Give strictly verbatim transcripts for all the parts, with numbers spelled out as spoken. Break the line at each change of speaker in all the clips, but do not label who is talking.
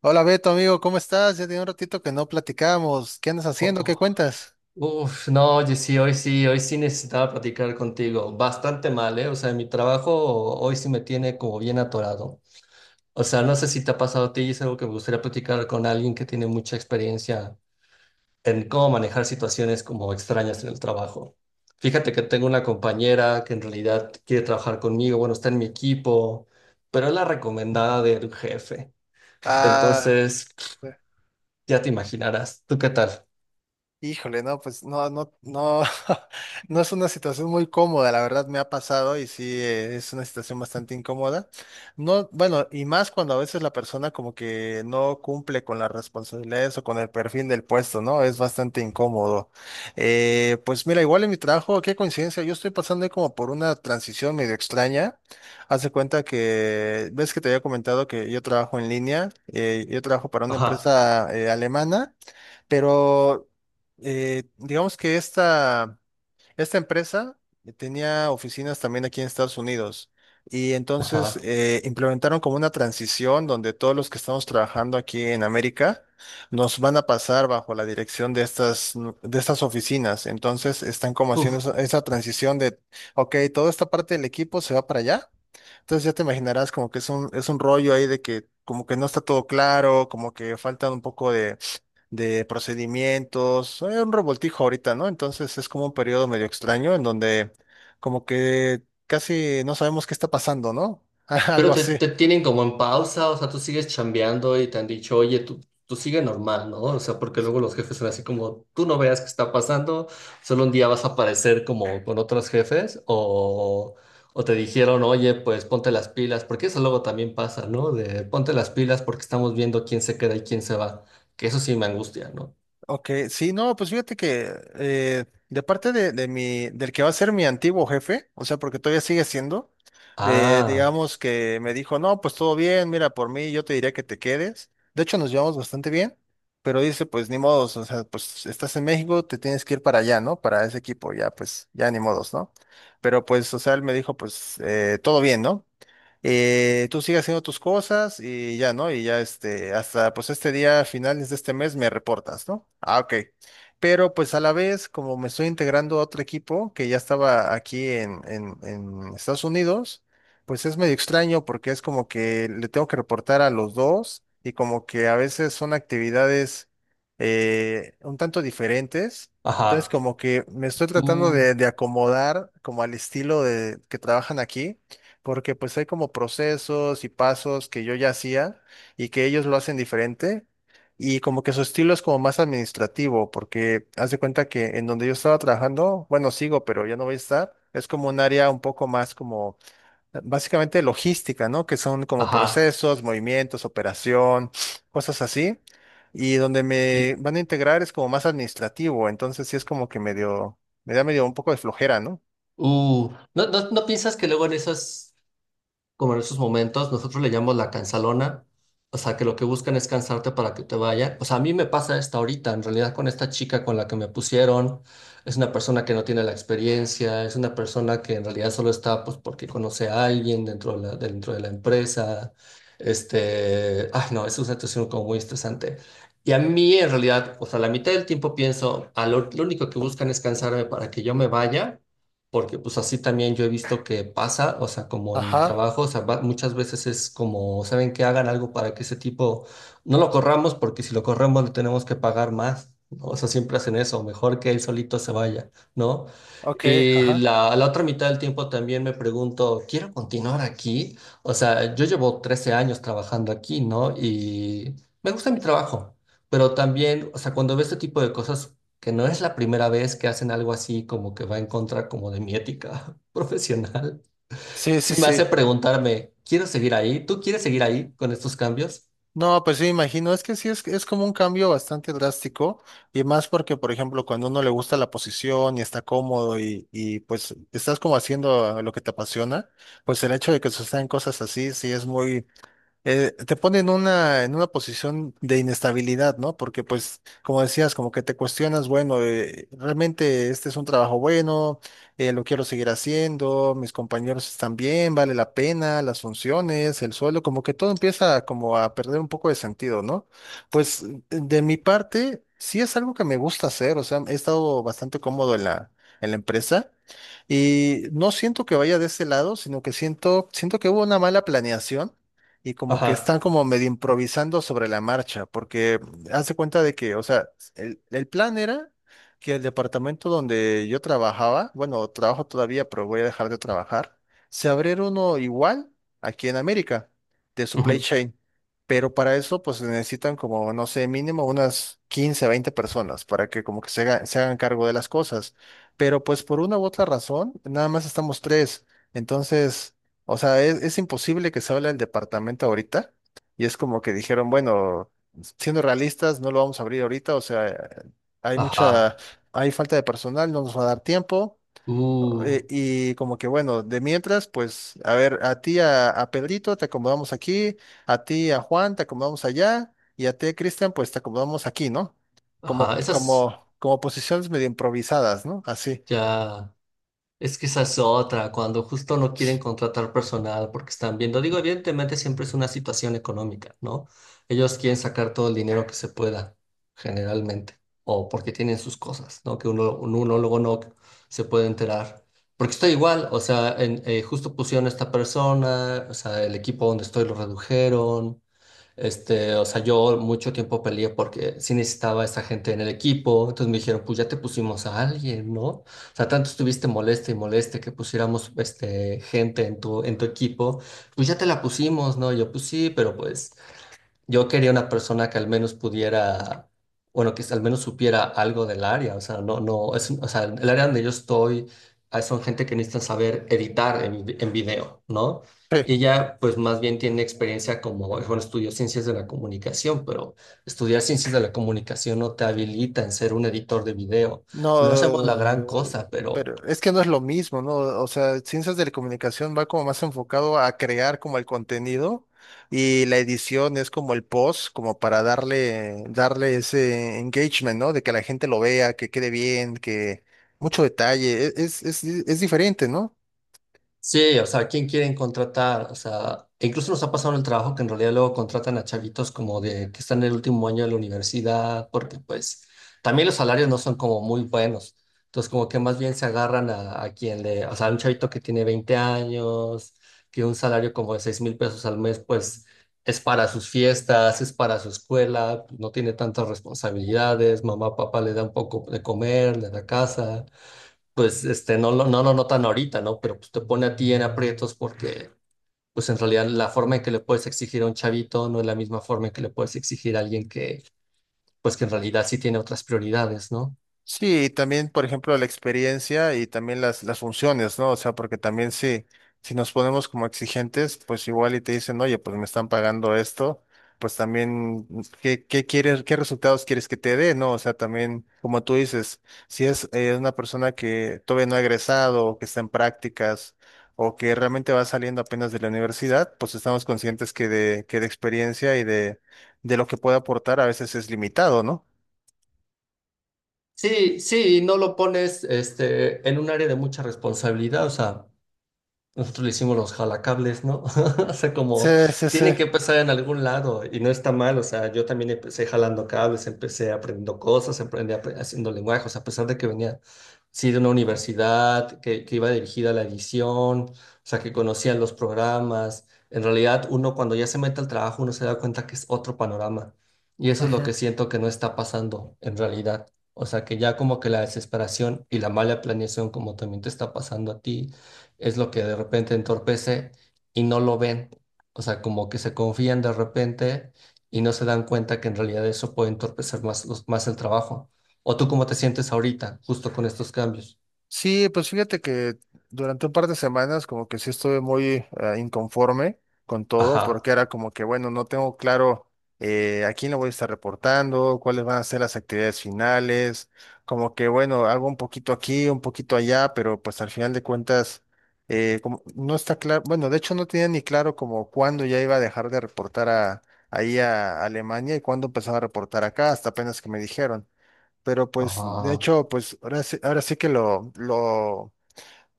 Hola Beto, amigo, ¿cómo estás? Ya tiene un ratito que no platicamos. ¿Qué andas
Oh,
haciendo? ¿Qué
oh.
cuentas?
Uf, no, oye, sí, hoy sí, hoy sí necesitaba platicar contigo. Bastante mal, ¿eh? O sea, mi trabajo hoy sí me tiene como bien atorado. O sea, no sé si te ha pasado a ti, es algo que me gustaría platicar con alguien que tiene mucha experiencia en cómo manejar situaciones como extrañas en el trabajo. Fíjate que tengo una compañera que en realidad quiere trabajar conmigo, bueno, está en mi equipo, pero es la recomendada del jefe.
Ah,
Entonces, ya te imaginarás. ¿Tú qué tal?
híjole, no, pues no, no, no, no es una situación muy cómoda, la verdad me ha pasado y sí, eh, es una situación bastante incómoda. No, bueno, y más cuando a veces la persona como que no cumple con las responsabilidades o con el perfil del puesto, ¿no? Es bastante incómodo. Eh, pues mira, igual en mi trabajo, qué coincidencia, yo estoy pasando ahí como por una transición medio extraña. Haz de cuenta que, ves que te había comentado que yo trabajo en línea, eh, yo trabajo para una
Ajá,
empresa eh, alemana. Pero eh, digamos que esta, esta empresa tenía oficinas también aquí en Estados Unidos y entonces
ajá.
eh, implementaron como una transición donde todos los que estamos trabajando aquí en América nos van a pasar bajo la dirección de estas, nu- de estas oficinas. Entonces están como haciendo
Uf.
esa, esa transición de, ok, toda esta parte del equipo se va para allá. Entonces ya te imaginarás como que es un, es un rollo ahí de que como que no está todo claro, como que faltan un poco de procedimientos, hay un revoltijo ahorita, ¿no? Entonces es como un periodo medio extraño en donde como que casi no sabemos qué está pasando, ¿no?
Pero
Algo
te,
así.
te tienen como en pausa, o sea, tú sigues chambeando y te han dicho, oye, tú, tú sigue normal, ¿no? O sea, porque luego los jefes son así como, tú no veas qué está pasando, solo un día vas a aparecer como con otros jefes, o, o te dijeron, oye, pues ponte las pilas, porque eso luego también pasa, ¿no? De ponte las pilas porque estamos viendo quién se queda y quién se va, que eso sí me angustia, ¿no?
Ok, sí, no, pues fíjate que eh, de parte de, de mi, del que va a ser mi antiguo jefe, o sea, porque todavía sigue siendo, eh,
Ah,
digamos que me dijo, no, pues todo bien, mira, por mí yo te diría que te quedes. De hecho, nos llevamos bastante bien, pero dice, pues ni modos, o sea, pues estás en México, te tienes que ir para allá, ¿no? Para ese equipo, ya, pues, ya ni modos, ¿no? Pero pues, o sea, él me dijo, pues, eh, todo bien, ¿no? eh, tú sigues haciendo tus cosas y ya, ¿no? Y ya este, hasta pues este día, finales de este mes, me reportas, ¿no? Ah, ok. Pero pues a la vez, como me estoy integrando a otro equipo que ya estaba aquí en, en, en Estados Unidos, pues es medio extraño porque es como que le tengo que reportar a los dos y como que a veces son actividades eh, un tanto diferentes. Entonces
ajá,
como que me estoy tratando
uh,
de, de acomodar como al estilo de que trabajan aquí porque pues hay como procesos y pasos que yo ya hacía y que ellos lo hacen diferente y como que su estilo es como más administrativo, porque haz de cuenta que en donde yo estaba trabajando, bueno, sigo, pero ya no voy a estar, es como un área un poco más como eh, básicamente logística, ¿no? Que son como
ajá,
procesos, movimientos, operación, cosas así. Y donde me
y,
van a integrar es como más administrativo, entonces sí es como que medio, me da medio un poco de flojera, ¿no?
uh, ¿no, no, no piensas que luego en esas como en esos momentos, nosotros le llamamos la cansalona, o sea, que lo que buscan es cansarte para que te vayan? O sea, a mí me pasa esta ahorita, en realidad con esta chica con la que me pusieron, es una persona que no tiene la experiencia, es una persona que en realidad solo está pues porque conoce a alguien dentro de la, dentro de la empresa. Este, ay, no, es una situación como muy estresante. Y a mí en realidad, o sea, la mitad del tiempo pienso, a lo, lo único que buscan es cansarme para que yo me vaya. Porque pues así también yo he visto que pasa, o sea, como en mi
Ajá,
trabajo, o sea, va- muchas veces es como, ¿saben Que hagan algo para que ese tipo no lo corramos, porque si lo corremos le tenemos que pagar más, ¿no? O sea, siempre hacen eso, mejor que él solito se vaya, ¿no?
ok,
Y
ajá.
la, la otra mitad del tiempo también me pregunto, ¿quiero continuar aquí? O sea, yo llevo trece años trabajando aquí, ¿no? Y me gusta mi trabajo, pero también, o sea, cuando veo este tipo de cosas que no es la primera vez que hacen algo así como que va en contra como de mi ética profesional.
Sí,
Sí
sí,
me hace
sí.
preguntarme, ¿quiero seguir ahí? ¿Tú quieres seguir ahí con estos cambios?
No, pues sí, me imagino, es que sí es, es como un cambio bastante drástico y más porque, por ejemplo, cuando uno le gusta la posición y está cómodo y, y pues estás como haciendo lo que te apasiona, pues el hecho de que sucedan cosas así sí es muy, eh, te pone en una, en una posición de inestabilidad, ¿no? Porque pues, como decías, como que te cuestionas, bueno, eh, realmente este es un trabajo bueno, eh, lo quiero seguir haciendo, mis compañeros están bien, vale la pena, las funciones, el sueldo, como que todo empieza como a perder un poco de sentido, ¿no? Pues de mi parte, sí es algo que me gusta hacer, o sea, he estado bastante cómodo en la, en la empresa. Y no siento que vaya de ese lado, sino que siento, siento que hubo una mala planeación y como que están
Ajá.
como medio improvisando sobre la marcha, porque hace cuenta de que, o sea, el, el plan era que el departamento donde yo trabajaba, bueno, trabajo todavía, pero voy a dejar de trabajar, se abriera uno igual aquí en América, de supply
Ujú.
chain. Pero para eso, pues necesitan como, no sé, mínimo unas quince veinte personas para que como que se haga- se hagan cargo de las cosas. Pero pues por una u otra razón, nada más estamos tres. Entonces... O sea, es, es imposible que se hable del departamento ahorita. Y es como que dijeron, bueno, siendo realistas, no lo vamos a abrir ahorita. O sea, hay mucha,
Ajá.
hay falta de personal, no nos va a dar tiempo.
Uh,
Eh, y como que bueno, de mientras, pues, a ver, a ti, a, a Pedrito, te acomodamos aquí, a ti, a Juan, te acomodamos allá, y a ti, a Cristian, pues te acomodamos aquí, ¿no? Como,
ajá. Esas
como, como posiciones medio improvisadas, ¿no? Así.
ya. Es que esa es otra, cuando justo no quieren contratar personal porque están viendo, digo, evidentemente siempre es una situación económica, ¿no? Ellos quieren sacar todo el dinero que se pueda, generalmente, o porque tienen sus cosas, ¿no? Que uno, un- uno luego no se puede enterar. Porque estoy igual, o sea, en- eh, justo pusieron a esta persona, o sea, el equipo donde estoy lo redujeron, este, o sea, yo mucho tiempo peleé porque sí necesitaba a esa gente en el equipo. Entonces me dijeron, pues ya te pusimos a alguien, ¿no? O sea, tanto estuviste molesta y molesta que pusiéramos este, gente en tu, en tu equipo. Pues ya te la pusimos, ¿no? Y yo, pues sí, pero pues yo quería una persona que al menos pudiera, bueno, que al menos supiera algo del área. O sea, no, no, es, o sea, el área donde yo estoy, ah, son gente que necesita saber editar en, vi- en video, ¿no?
Sí.
Y ya, pues más bien tiene experiencia como, bueno, estudió ciencias de la comunicación, pero estudiar ciencias de la comunicación no te habilita en ser un editor de video. No hacemos la gran
No,
cosa, pero
pero es que no es lo mismo, ¿no? O sea, ciencias de la comunicación va como más enfocado a crear como el contenido y la edición es como el post, como para darle, darle ese engagement, ¿no? De que la gente lo vea, que quede bien, que mucho detalle, e- es, es, es diferente, ¿no?
sí, o sea, ¿quién quieren contratar? O sea, e incluso nos ha pasado en el trabajo que en realidad luego contratan a chavitos como de que están en el último año de la universidad, porque pues también los salarios no son como muy buenos. Entonces, como que más bien se agarran a, a quien le, o sea, un chavito que tiene veinte años, que un salario como de seis mil pesos al mes, pues es para sus fiestas, es para su escuela, no tiene tantas responsabilidades, mamá, papá le da un poco de comer, le da casa, pues este, no lo, no lo notan ahorita, ¿no? Pero pues, te pone a ti en aprietos porque, pues en realidad la forma en que le puedes exigir a un chavito no es la misma forma en que le puedes exigir a alguien que, pues que en realidad sí tiene otras prioridades, ¿no?
Sí, y también, por ejemplo, la experiencia y también las, las funciones, ¿no? O sea, porque también si, si nos ponemos como exigentes, pues igual y te dicen, oye, pues me están pagando esto, pues también, mm, ¿qué, qué quieres, qué resultados quieres que te dé, ¿no? O sea, también, como tú dices, si es eh, una persona que todavía no ha egresado o que está en prácticas o que realmente va saliendo apenas de la universidad, pues estamos conscientes que de, que de experiencia y de, de lo que puede aportar a veces es limitado, ¿no?
Sí, sí, y no lo pones este, en un área de mucha responsabilidad, o sea, nosotros le hicimos los jalacables, ¿no? O sea,
Sí,
como
sí, sí.
tienen que empezar en algún lado y no está mal. O sea, yo también empecé jalando cables, empecé aprendiendo cosas, aprendí apre- haciendo lenguajes, a pesar de que venía, sí, de una universidad que, que iba dirigida a la edición, o sea, que conocían los programas. En realidad, uno cuando ya se mete al trabajo, uno se da cuenta que es otro panorama. Y eso es lo
Ujú.
que siento que no está pasando en realidad. O sea, que ya como que la desesperación y la mala planeación, como también te está pasando a ti, es lo que de repente entorpece y no lo ven. O sea, como que se confían de repente y no se dan cuenta que en realidad eso puede entorpecer más, los- más el trabajo. ¿O tú cómo te sientes ahorita, justo con estos cambios?
Sí, pues fíjate que durante un par de semanas como que sí estuve muy eh, inconforme con todo, porque
Ajá,
era como que, bueno, no tengo claro eh, a quién le voy a estar reportando, cuáles van a ser las actividades finales, como que, bueno, hago un poquito aquí, un poquito allá, pero pues al final de cuentas eh, como no está claro, bueno, de hecho no tenía ni claro como cuándo ya iba a dejar de reportar a, ahí a Alemania y cuándo empezaba a reportar acá, hasta apenas que me dijeron. Pero pues, de
ajá,
hecho, pues ahora sí, ahora sí que lo, lo,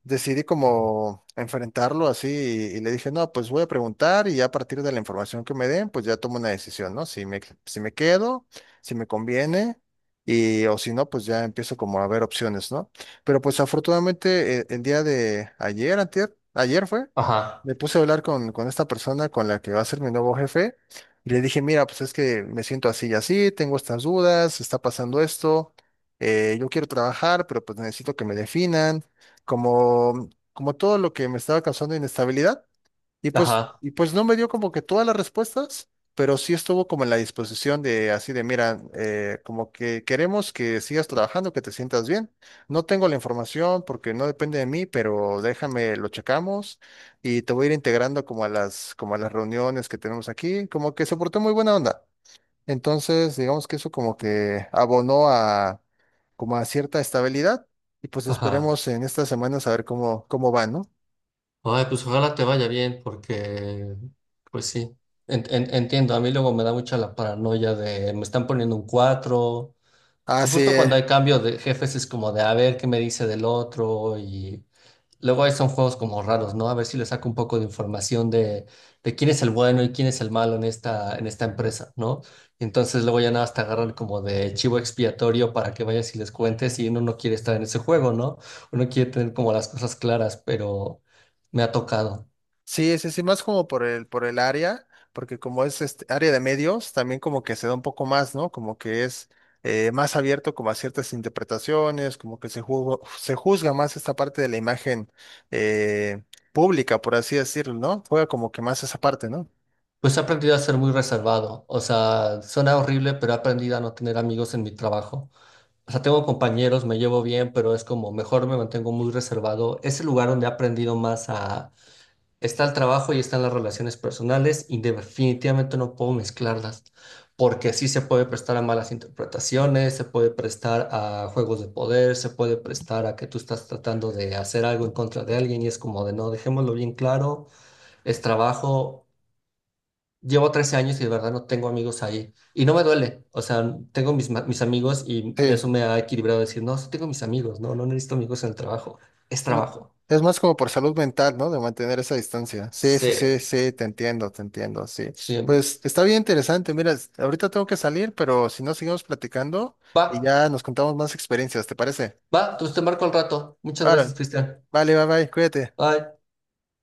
decidí como enfrentarlo así y, y le dije, no, pues voy a preguntar y ya a partir de la información que me den, pues ya tomo una decisión, ¿no? Si me, si me quedo, si me conviene y o si no, pues ya empiezo como a ver opciones, ¿no? Pero pues afortunadamente eh, el, día de ayer, antier, ayer fue,
ajá,
me puse a hablar con, con esta persona con la que va a ser mi nuevo jefe y le dije, mira, pues es que me siento así y así, tengo estas dudas, está pasando esto. eh, yo quiero trabajar, pero pues necesito que me definan como, como todo lo que me estaba causando inestabilidad. Y pues,
ajá,
y pues no me dio como que todas las respuestas, pero sí estuvo como en la disposición de así de, mira, eh, como que queremos que sigas trabajando, que te sientas bien. No tengo la información porque no depende de mí, pero déjame, lo checamos y te voy a ir integrando como a las, como a las reuniones que tenemos aquí. Como que se portó muy buena onda. Entonces, digamos que eso como que abonó a como a cierta estabilidad y pues
ajá.
esperemos en estas semanas a ver cómo, cómo va, ¿no?
Ay, pues ojalá te vaya bien, porque, pues sí, En- en- entiendo, a mí luego me da mucha la paranoia de, me están poniendo un cuatro.
Ah,
Su-
sí,
Justo
eh,
cuando hay cambio de jefes es como de a ver qué me dice del otro. Y luego ahí son juegos como raros, ¿no? A ver si le saco un poco de información de, de quién es el bueno y quién es el malo en esta, en esta empresa, ¿no? Y entonces luego ya nada más te agarran como de chivo expiatorio para que vayas y les cuentes, y uno no quiere estar en ese juego, ¿no? Uno quiere tener como las cosas claras, pero me ha tocado.
sí, sí, sí, más como por el, por el área, porque como es este área de medios, también como que se da un poco más, ¿no? Como que es eh, más abierto como a ciertas interpretaciones, como que se juzga, se juzga más esta parte de la imagen eh, pública, por así decirlo, ¿no? Juega como que más esa parte, ¿no?
Pues he aprendido a ser muy reservado. O sea, suena horrible, pero he aprendido a no tener amigos en mi trabajo. O sea, tengo compañeros, me llevo bien, pero es como mejor me mantengo muy reservado. Es el lugar donde he aprendido más a. Está el trabajo y están las relaciones personales y definitivamente no puedo mezclarlas, porque sí se puede prestar a malas interpretaciones, se puede prestar a juegos de poder, se puede prestar a que tú estás tratando de hacer algo en contra de alguien, y es como de no, dejémoslo bien claro, es trabajo. Llevo trece años y de verdad no tengo amigos ahí y no me duele, o sea, tengo mis, ma- mis amigos, y
Sí.
eso me ha equilibrado a decir, no, sí tengo mis amigos, no, no necesito amigos en el trabajo, es
Mm,
trabajo.
Es más como por salud mental, ¿no? De mantener esa distancia. Sí, sí,
Sí,
sí, sí, te entiendo, te entiendo, sí.
sí.
Pues está bien interesante. Mira, es- ahorita tengo que salir, pero si no, seguimos platicando y
Va.
ya nos contamos más experiencias, ¿te parece?
Va, entonces te marco al rato. Muchas gracias,
Ahora,
Cristian.
vale, bye, bye, cuídate.
Bye.